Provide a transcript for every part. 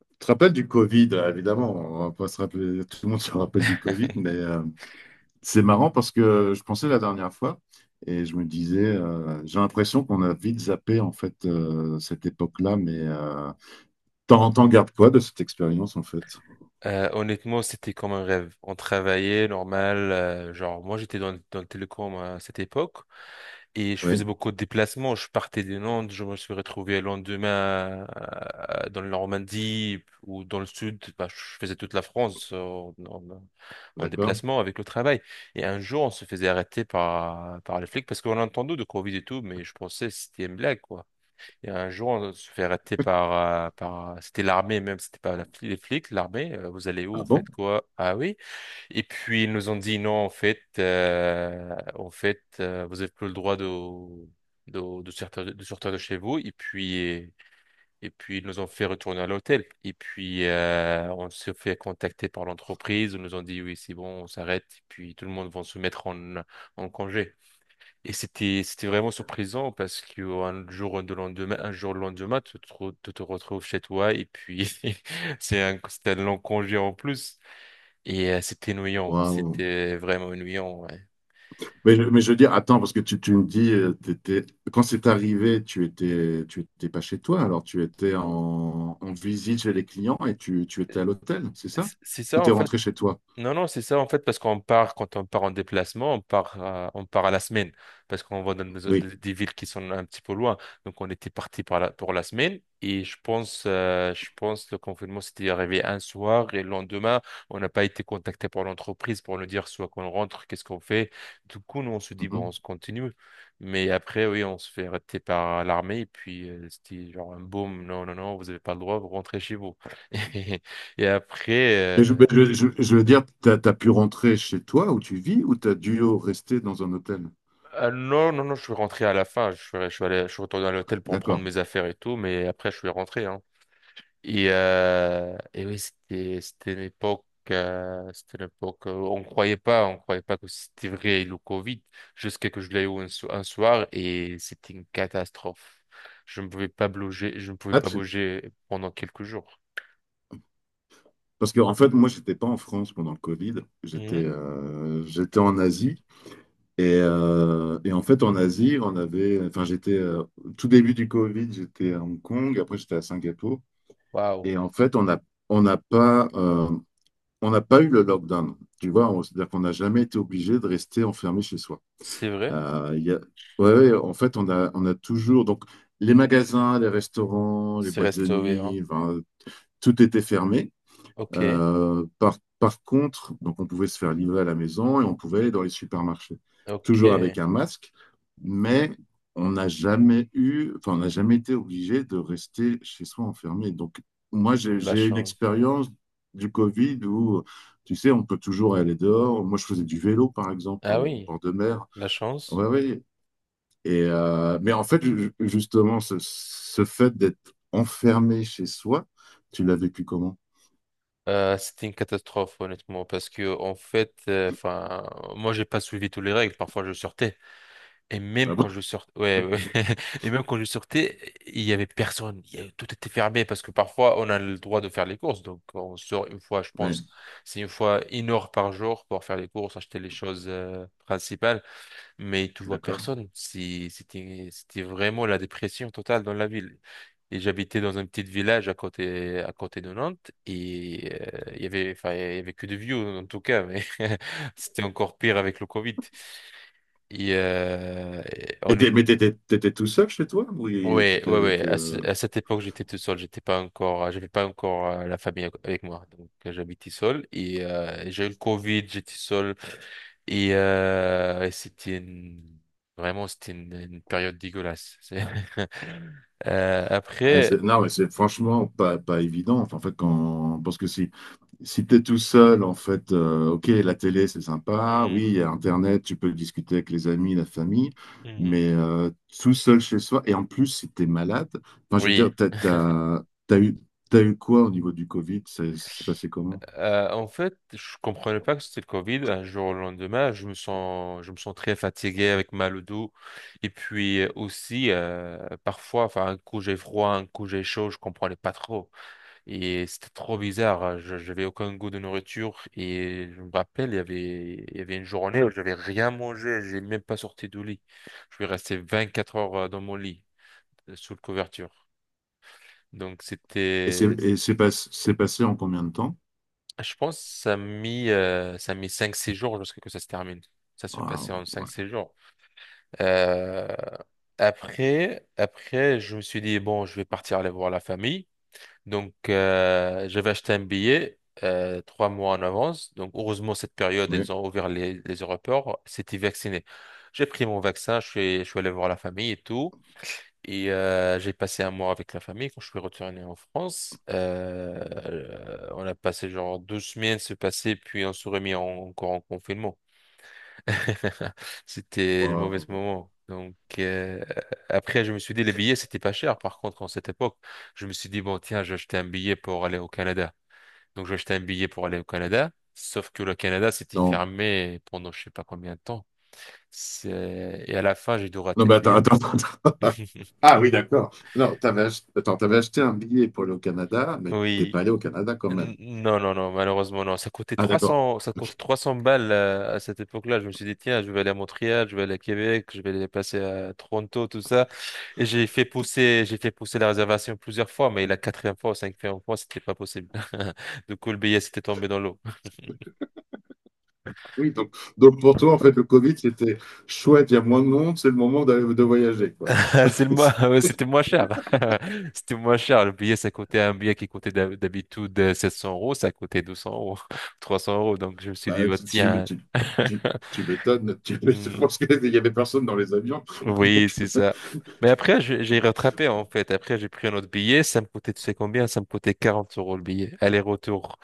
Tu te rappelles du Covid, évidemment, on va pas se rappeler, tout le monde se rappelle du Covid, mais c'est marrant parce que je pensais la dernière fois et je me disais, j'ai l'impression qu'on a vite zappé en fait cette époque-là, mais t'en gardes quoi de cette expérience en fait? Honnêtement, c'était comme un rêve. On travaillait normal. Genre, moi, j'étais dans le télécom à cette époque et je faisais Oui, beaucoup de déplacements. Je partais de Nantes, je me suis retrouvé le lendemain dans la Normandie ou dans le sud. Bah, je faisais toute la France en d'accord. déplacement avec le travail. Et un jour, on se faisait arrêter par les flics parce qu'on a entendu de Covid et tout, mais je pensais que c'était une blague, quoi. Et un jour, on se fait arrêter par, par, c'était l'armée même, c'était pas les flics, l'armée. Vous allez où? Ah Vous bon? faites quoi? Ah oui. Et puis ils nous ont dit non, en fait, vous n'avez plus le droit de sortir, de chez vous. Et puis ils nous ont fait retourner à l'hôtel. Et puis on s'est fait contacter par l'entreprise. Ils nous ont dit oui, c'est bon, on s'arrête. Et puis tout le monde va se mettre en congé. Et c'était vraiment surprisant parce que un jour le lendemain tu te retrouves chez toi et puis c'était un long congé en plus et c'était ennuyant, Waouh. c'était vraiment ennuyant, ouais. Mais, mais je veux dire, attends, parce que tu me dis, quand c'est arrivé, tu étais pas chez toi, alors tu étais en, en visite chez les clients et tu étais à l'hôtel, c'est C'est ça? c'est Ou ça t'es en fait. rentré chez toi? Non, non, c'est ça en fait, parce qu'on part, quand on part en déplacement, on part à la semaine, parce qu'on va dans des, Oui. des- des villes qui sont un petit peu loin. Donc, on était parti pour la semaine, et je pense le confinement s'était arrivé un soir, et le lendemain, on n'a pas été contacté par l'entreprise pour nous dire soit qu'on rentre, qu'est-ce qu'on fait. Du coup, nous, on se dit, bon, on Mhm. se continue. Mais après, oui, on se fait arrêter par l'armée, et puis c'était genre un boom, non, non, non, vous n'avez pas le droit, vous rentrez chez vous. Et après, Mais mais je veux dire, tu as pu rentrer chez toi où tu vis ou tu as dû rester dans un hôtel? Non, non, non, je suis rentré à la fin. Je suis retourné à l'hôtel pour prendre D'accord. mes affaires et tout, mais après, je suis rentré, hein. Et oui, c'était, c'était une époque, on croyait pas que c'était vrai le Covid, jusqu'à que je l'ai eu un soir et c'était une catastrophe. Je ne pouvais pas bouger, je ne pouvais Ah, pas tu- bouger pendant quelques jours. Parce que, en fait, moi, j'étais pas en France pendant le Covid. J'étais Mhm. J'étais en Asie. Et en fait, en Asie, on avait. Enfin, j'étais. Tout début du Covid, j'étais à Hong Kong. Après, j'étais à Singapour. Waouh. Et en fait, on n'a pas, euh, on n'a pas eu le lockdown. Tu vois, c'est-à-dire qu'on n'a jamais été obligé de rester enfermé chez soi. C'est vrai? Euh, il y a- ouais, en fait, on a toujours. Donc, les magasins, les restaurants, les C'est boîtes de restauré, hein. nuit, enfin, tout était fermé. Ok, Par contre, donc on pouvait se faire livrer à la maison et on pouvait aller dans les supermarchés. ok. Toujours avec un masque, mais on n'a jamais eu, enfin, on n'a jamais été obligé de rester chez soi enfermé. Donc, moi, j'ai La j'ai une chance. expérience du Covid où, tu sais, on peut toujours aller dehors. Moi, je faisais du vélo, par exemple, Ah en oui, bord de mer. la chance. Oui, oui. Et, mais en fait, justement, ce fait d'être enfermé chez soi, tu l'as vécu comment? C'était une catastrophe, honnêtement, parce que, en fait, enfin, moi, j'ai pas suivi toutes les règles. Parfois, je sortais. Et même Ah bon? quand je sortais, ouais, ouais. Et même quand je sortais, il y avait personne. Tout était fermé parce que parfois, on a le droit de faire les courses. Donc, on sort une fois, je Oui, pense, c'est une fois une heure par jour pour faire les courses, acheter les choses, principales. Mais tu vois d'accord. personne. C'était vraiment la dépression totale dans la ville. Et j'habitais dans un petit village à côté de Nantes. Et enfin, il y avait que des vieux, en tout cas. Mais c'était encore pire avec le Covid. Et Et on est, mais t'étais tout seul chez toi? Oui, ouais, t'étais ouais, avec... ouais. À cette époque, j'étais tout seul. J'avais pas encore la famille avec moi. Donc, j'habitais seul. Et j'ai eu le Covid, j'étais seul. Et, euh, et c'était une- Vraiment, c'était une période dégueulasse. Ah, Après, non, mais c'est franchement pas évident. Enfin, en fait, quand, parce que si si tu es tout seul, en fait, ok, la télé, c'est sympa. Oui, hmm, il y a Internet, tu peux discuter avec les amis, la famille. hmm, Mais tout seul chez soi, et en plus, si tu es malade, enfin, je veux oui. dire, t'as eu quoi au niveau du Covid? C'est passé comment? En fait, je comprenais pas que c'était le Covid. Un jour au lendemain, je me sens très fatigué avec mal au dos. Et puis aussi, parfois, enfin, un coup j'ai froid, un coup j'ai chaud, je comprenais pas trop. Et c'était trop bizarre, hein. J'avais aucun goût de nourriture. Et je me rappelle, il y avait une journée où j'avais rien mangé. J'ai même pas sorti du lit. Je suis resté 24 heures dans mon lit, sous le couverture. Donc c'était. Et c'est pas- c'est passé en combien de temps? Je pense que ça a mis cinq 6 jours jusqu'à ce que ça se termine. Ça se Ah, passait en cinq ouais. 6 jours. Euh, après, je me suis dit, bon, je vais partir aller voir la famille. Donc, j'avais acheté un billet 3 mois en avance. Donc, heureusement, cette période, Oui. ils ont ouvert les aéroports. C'était vacciné. J'ai pris mon vaccin, je suis allé voir la famille et tout. Et j'ai passé un mois avec la famille quand je suis retourné en France. On a passé genre 2 semaines se passer, puis on se remis encore en confinement. C'était le mauvais Wow. moment. Donc, après, je me suis dit, les billets, c'était pas cher. Par contre, en cette époque, je me suis dit, bon, tiens, j'ai acheté un billet pour aller au Canada. Donc j'ai acheté un billet pour aller au Canada. Sauf que le Canada, c'était Non. fermé pendant je sais pas combien de temps. Et à la fin, j'ai dû Non, rater mais le attends, billet. attends, Ah oui, d'accord. Non, attends, t'avais acheté un billet pour aller au Canada, mais t'es Oui, pas allé au Canada quand même. Non, non, non, malheureusement, non. Ça coûtait Ah trois d'accord. cents, ça coûtait Ok. 300 balles à cette époque-là. Je me suis dit, tiens, je vais aller à Montréal, je vais aller à Québec, je vais aller passer à Toronto, tout ça. Et j'ai fait pousser la réservation plusieurs fois, mais la quatrième fois ou cinquième fois, c'était pas possible. Du coup, le billet s'était tombé dans l'eau. Oui, donc pour toi, en fait, le Covid, c'était chouette, il y a moins de monde, c'est le moment de voyager, quoi. C'est le moins, ouais, c'était moins cher. C'était moins cher. Le billet, ça coûtait un billet qui coûtait d'habitude 700 euros, ça coûtait 200 euros, 300 euros. Donc, je me suis dit, Bah, bah, tiens. Tu- tu m'étonnes, tu m'étonnes. Je Hmm. pense qu'il n'y avait personne dans les avions. Oui, Donc, c'est ça. Mais après, j'ai rattrapé en fait. Après, j'ai pris un autre billet. Ça me coûtait, tu sais combien? Ça me coûtait 40 € le billet. Aller-retour.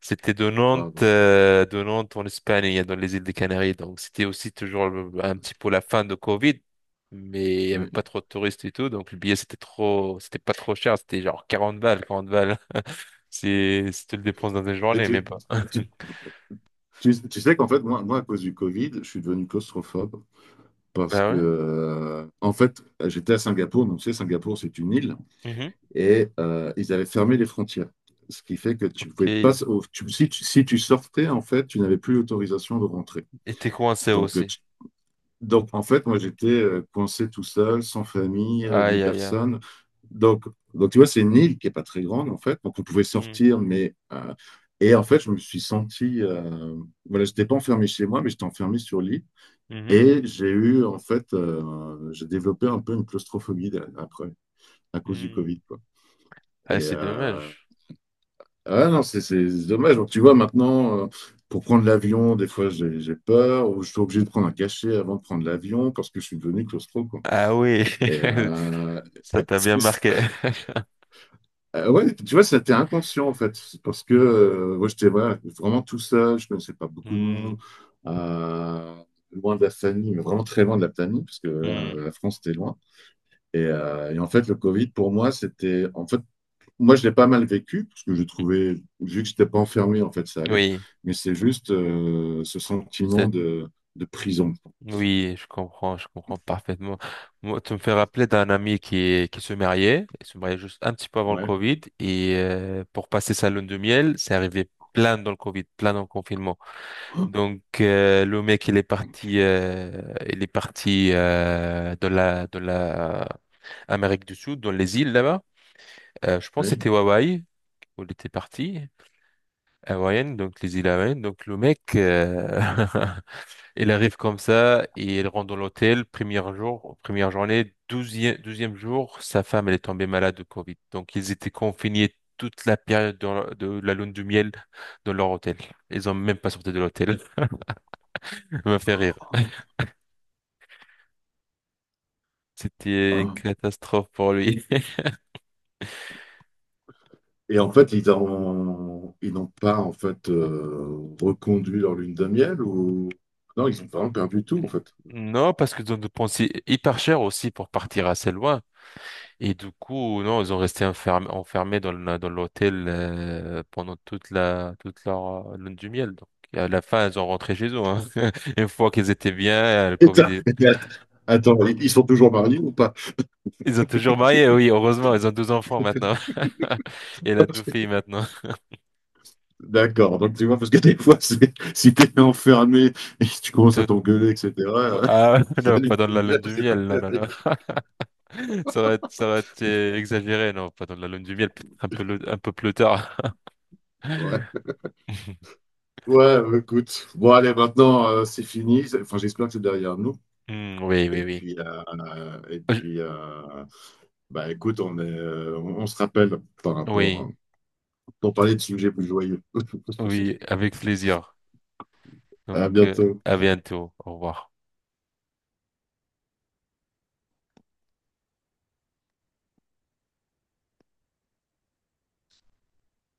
C'était de Nantes, bravo. euh, de Nantes en Espagne, et dans les îles des Canaries. Donc, c'était aussi toujours un petit peu la fin de Covid. Mais il y avait Oui. pas trop de touristes et tout. Donc, le billet, c'était pas trop cher. C'était genre 40 balles, 40 balles. C'est, si tu le dépenses dans une Mais journée, mais pas. tu- tu sais qu'en fait, moi, à cause du Covid, je suis devenu claustrophobe parce Ah que, ouais? En fait, j'étais à Singapour. Donc, tu sais, Singapour, c'est une île. Mhm. Et ils avaient fermé les frontières. Ce qui fait que tu Ok. pouvais pas, Et si, si tu sortais, en fait, tu n'avais plus l'autorisation de rentrer. t'es coincé Donc, aussi. Donc, en fait, moi, j'étais coincé tout seul, sans famille, ni Aïe, aïe, aïe. personne. Donc, donc, tu vois, c'est une île qui n'est pas très grande, en fait. Donc, on pouvait Hmm. sortir, mais... et en fait, je me suis senti... voilà, je n'étais pas enfermé chez moi, mais j'étais enfermé sur l'île. Mhm. Et j'ai eu, en fait, j'ai développé un peu une claustrophobie après, à cause du Hmm. Covid, quoi. Et, Ah, c'est dommage. ah ouais, non, c'est dommage. Donc, tu vois, maintenant, pour prendre l'avion, des fois, j'ai peur, ou je suis obligé de prendre un cachet avant de prendre l'avion parce que je suis devenu claustro, quoi. Ah oui, Et ça t'a bien marqué. Ouais, tu vois, c'était inconscient, en fait. C'est parce que Hmm, moi, j'étais voilà, vraiment tout seul, je connaissais pas beaucoup de hmm, monde, euh, loin de la famille, mais vraiment très loin de la famille, parce que là, hmm. la France était loin. Et en fait, le Covid, pour moi, c'était... En fait, moi, je l'ai pas mal vécu, parce que je trouvais, vu que je n'étais pas enfermé, en fait, ça allait. Oui, Mais c'est juste ce sentiment c'est- de prison. oui, je comprends parfaitement. Moi, tu me fais rappeler d'un ami il se mariait juste un petit peu avant le Ouais. Covid, et pour passer sa lune de miel, c'est arrivé plein dans le Covid, plein dans le confinement. Oh, Donc, le mec, il est parti, de la Amérique du Sud, dans les îles là-bas. Je pense que oui. c'était Hawaï, où il était parti, à donc les îles Hawaïennes. Donc le mec, il arrive comme ça et il rentre dans l'hôtel, premier jour, première journée, douzième jour, sa femme, elle est tombée malade de Covid. Donc ils étaient confinés toute la période dans de la lune de miel dans leur hôtel. Ils ont même pas sorti de l'hôtel. Ça m'a fait rire. C'était une Ah. catastrophe pour lui. Et en fait, ils n'ont pas en fait reconduit leur lune de miel ou non, ils ont vraiment perdu tout en fait. Non, parce qu'ils ont dépensé hyper cher aussi pour partir assez loin. Et du coup, non, ils ont resté enfermés dans l'hôtel pendant toute leur lune du miel. Donc, à la fin, ils ont rentré chez eux, hein. Une fois qu'ils étaient bien, le Et Covid, ça- Attends, ils sont toujours mariés ou pas? ils ont toujours marié. Oui, heureusement, ils ont deux enfants maintenant. Et la deux filles maintenant. D'accord, donc tu vois, parce que des fois, c'est- si t'es enfermé et que tu commences à Tout- t'engueuler, etc., avec Ah, la non, pas lune dans de la miel, lune de c'est pas miel. Non, non, non. terrible. Ça aurait été exagéré. Non, pas dans la lune de miel. Peut-être un peu un peu plus tard. Ouais, ouais, bah, écoute. Bon, allez, maintenant, c'est fini. Enfin, j'espère que c'est derrière nous. Hmm, oui, Et oui, oui. puis, Je- bah, écoute, on est, on se rappelle par rapport, Oui, hein, pour parler de sujets plus joyeux. oui, avec plaisir. Donc, À bientôt. à bientôt. Au revoir.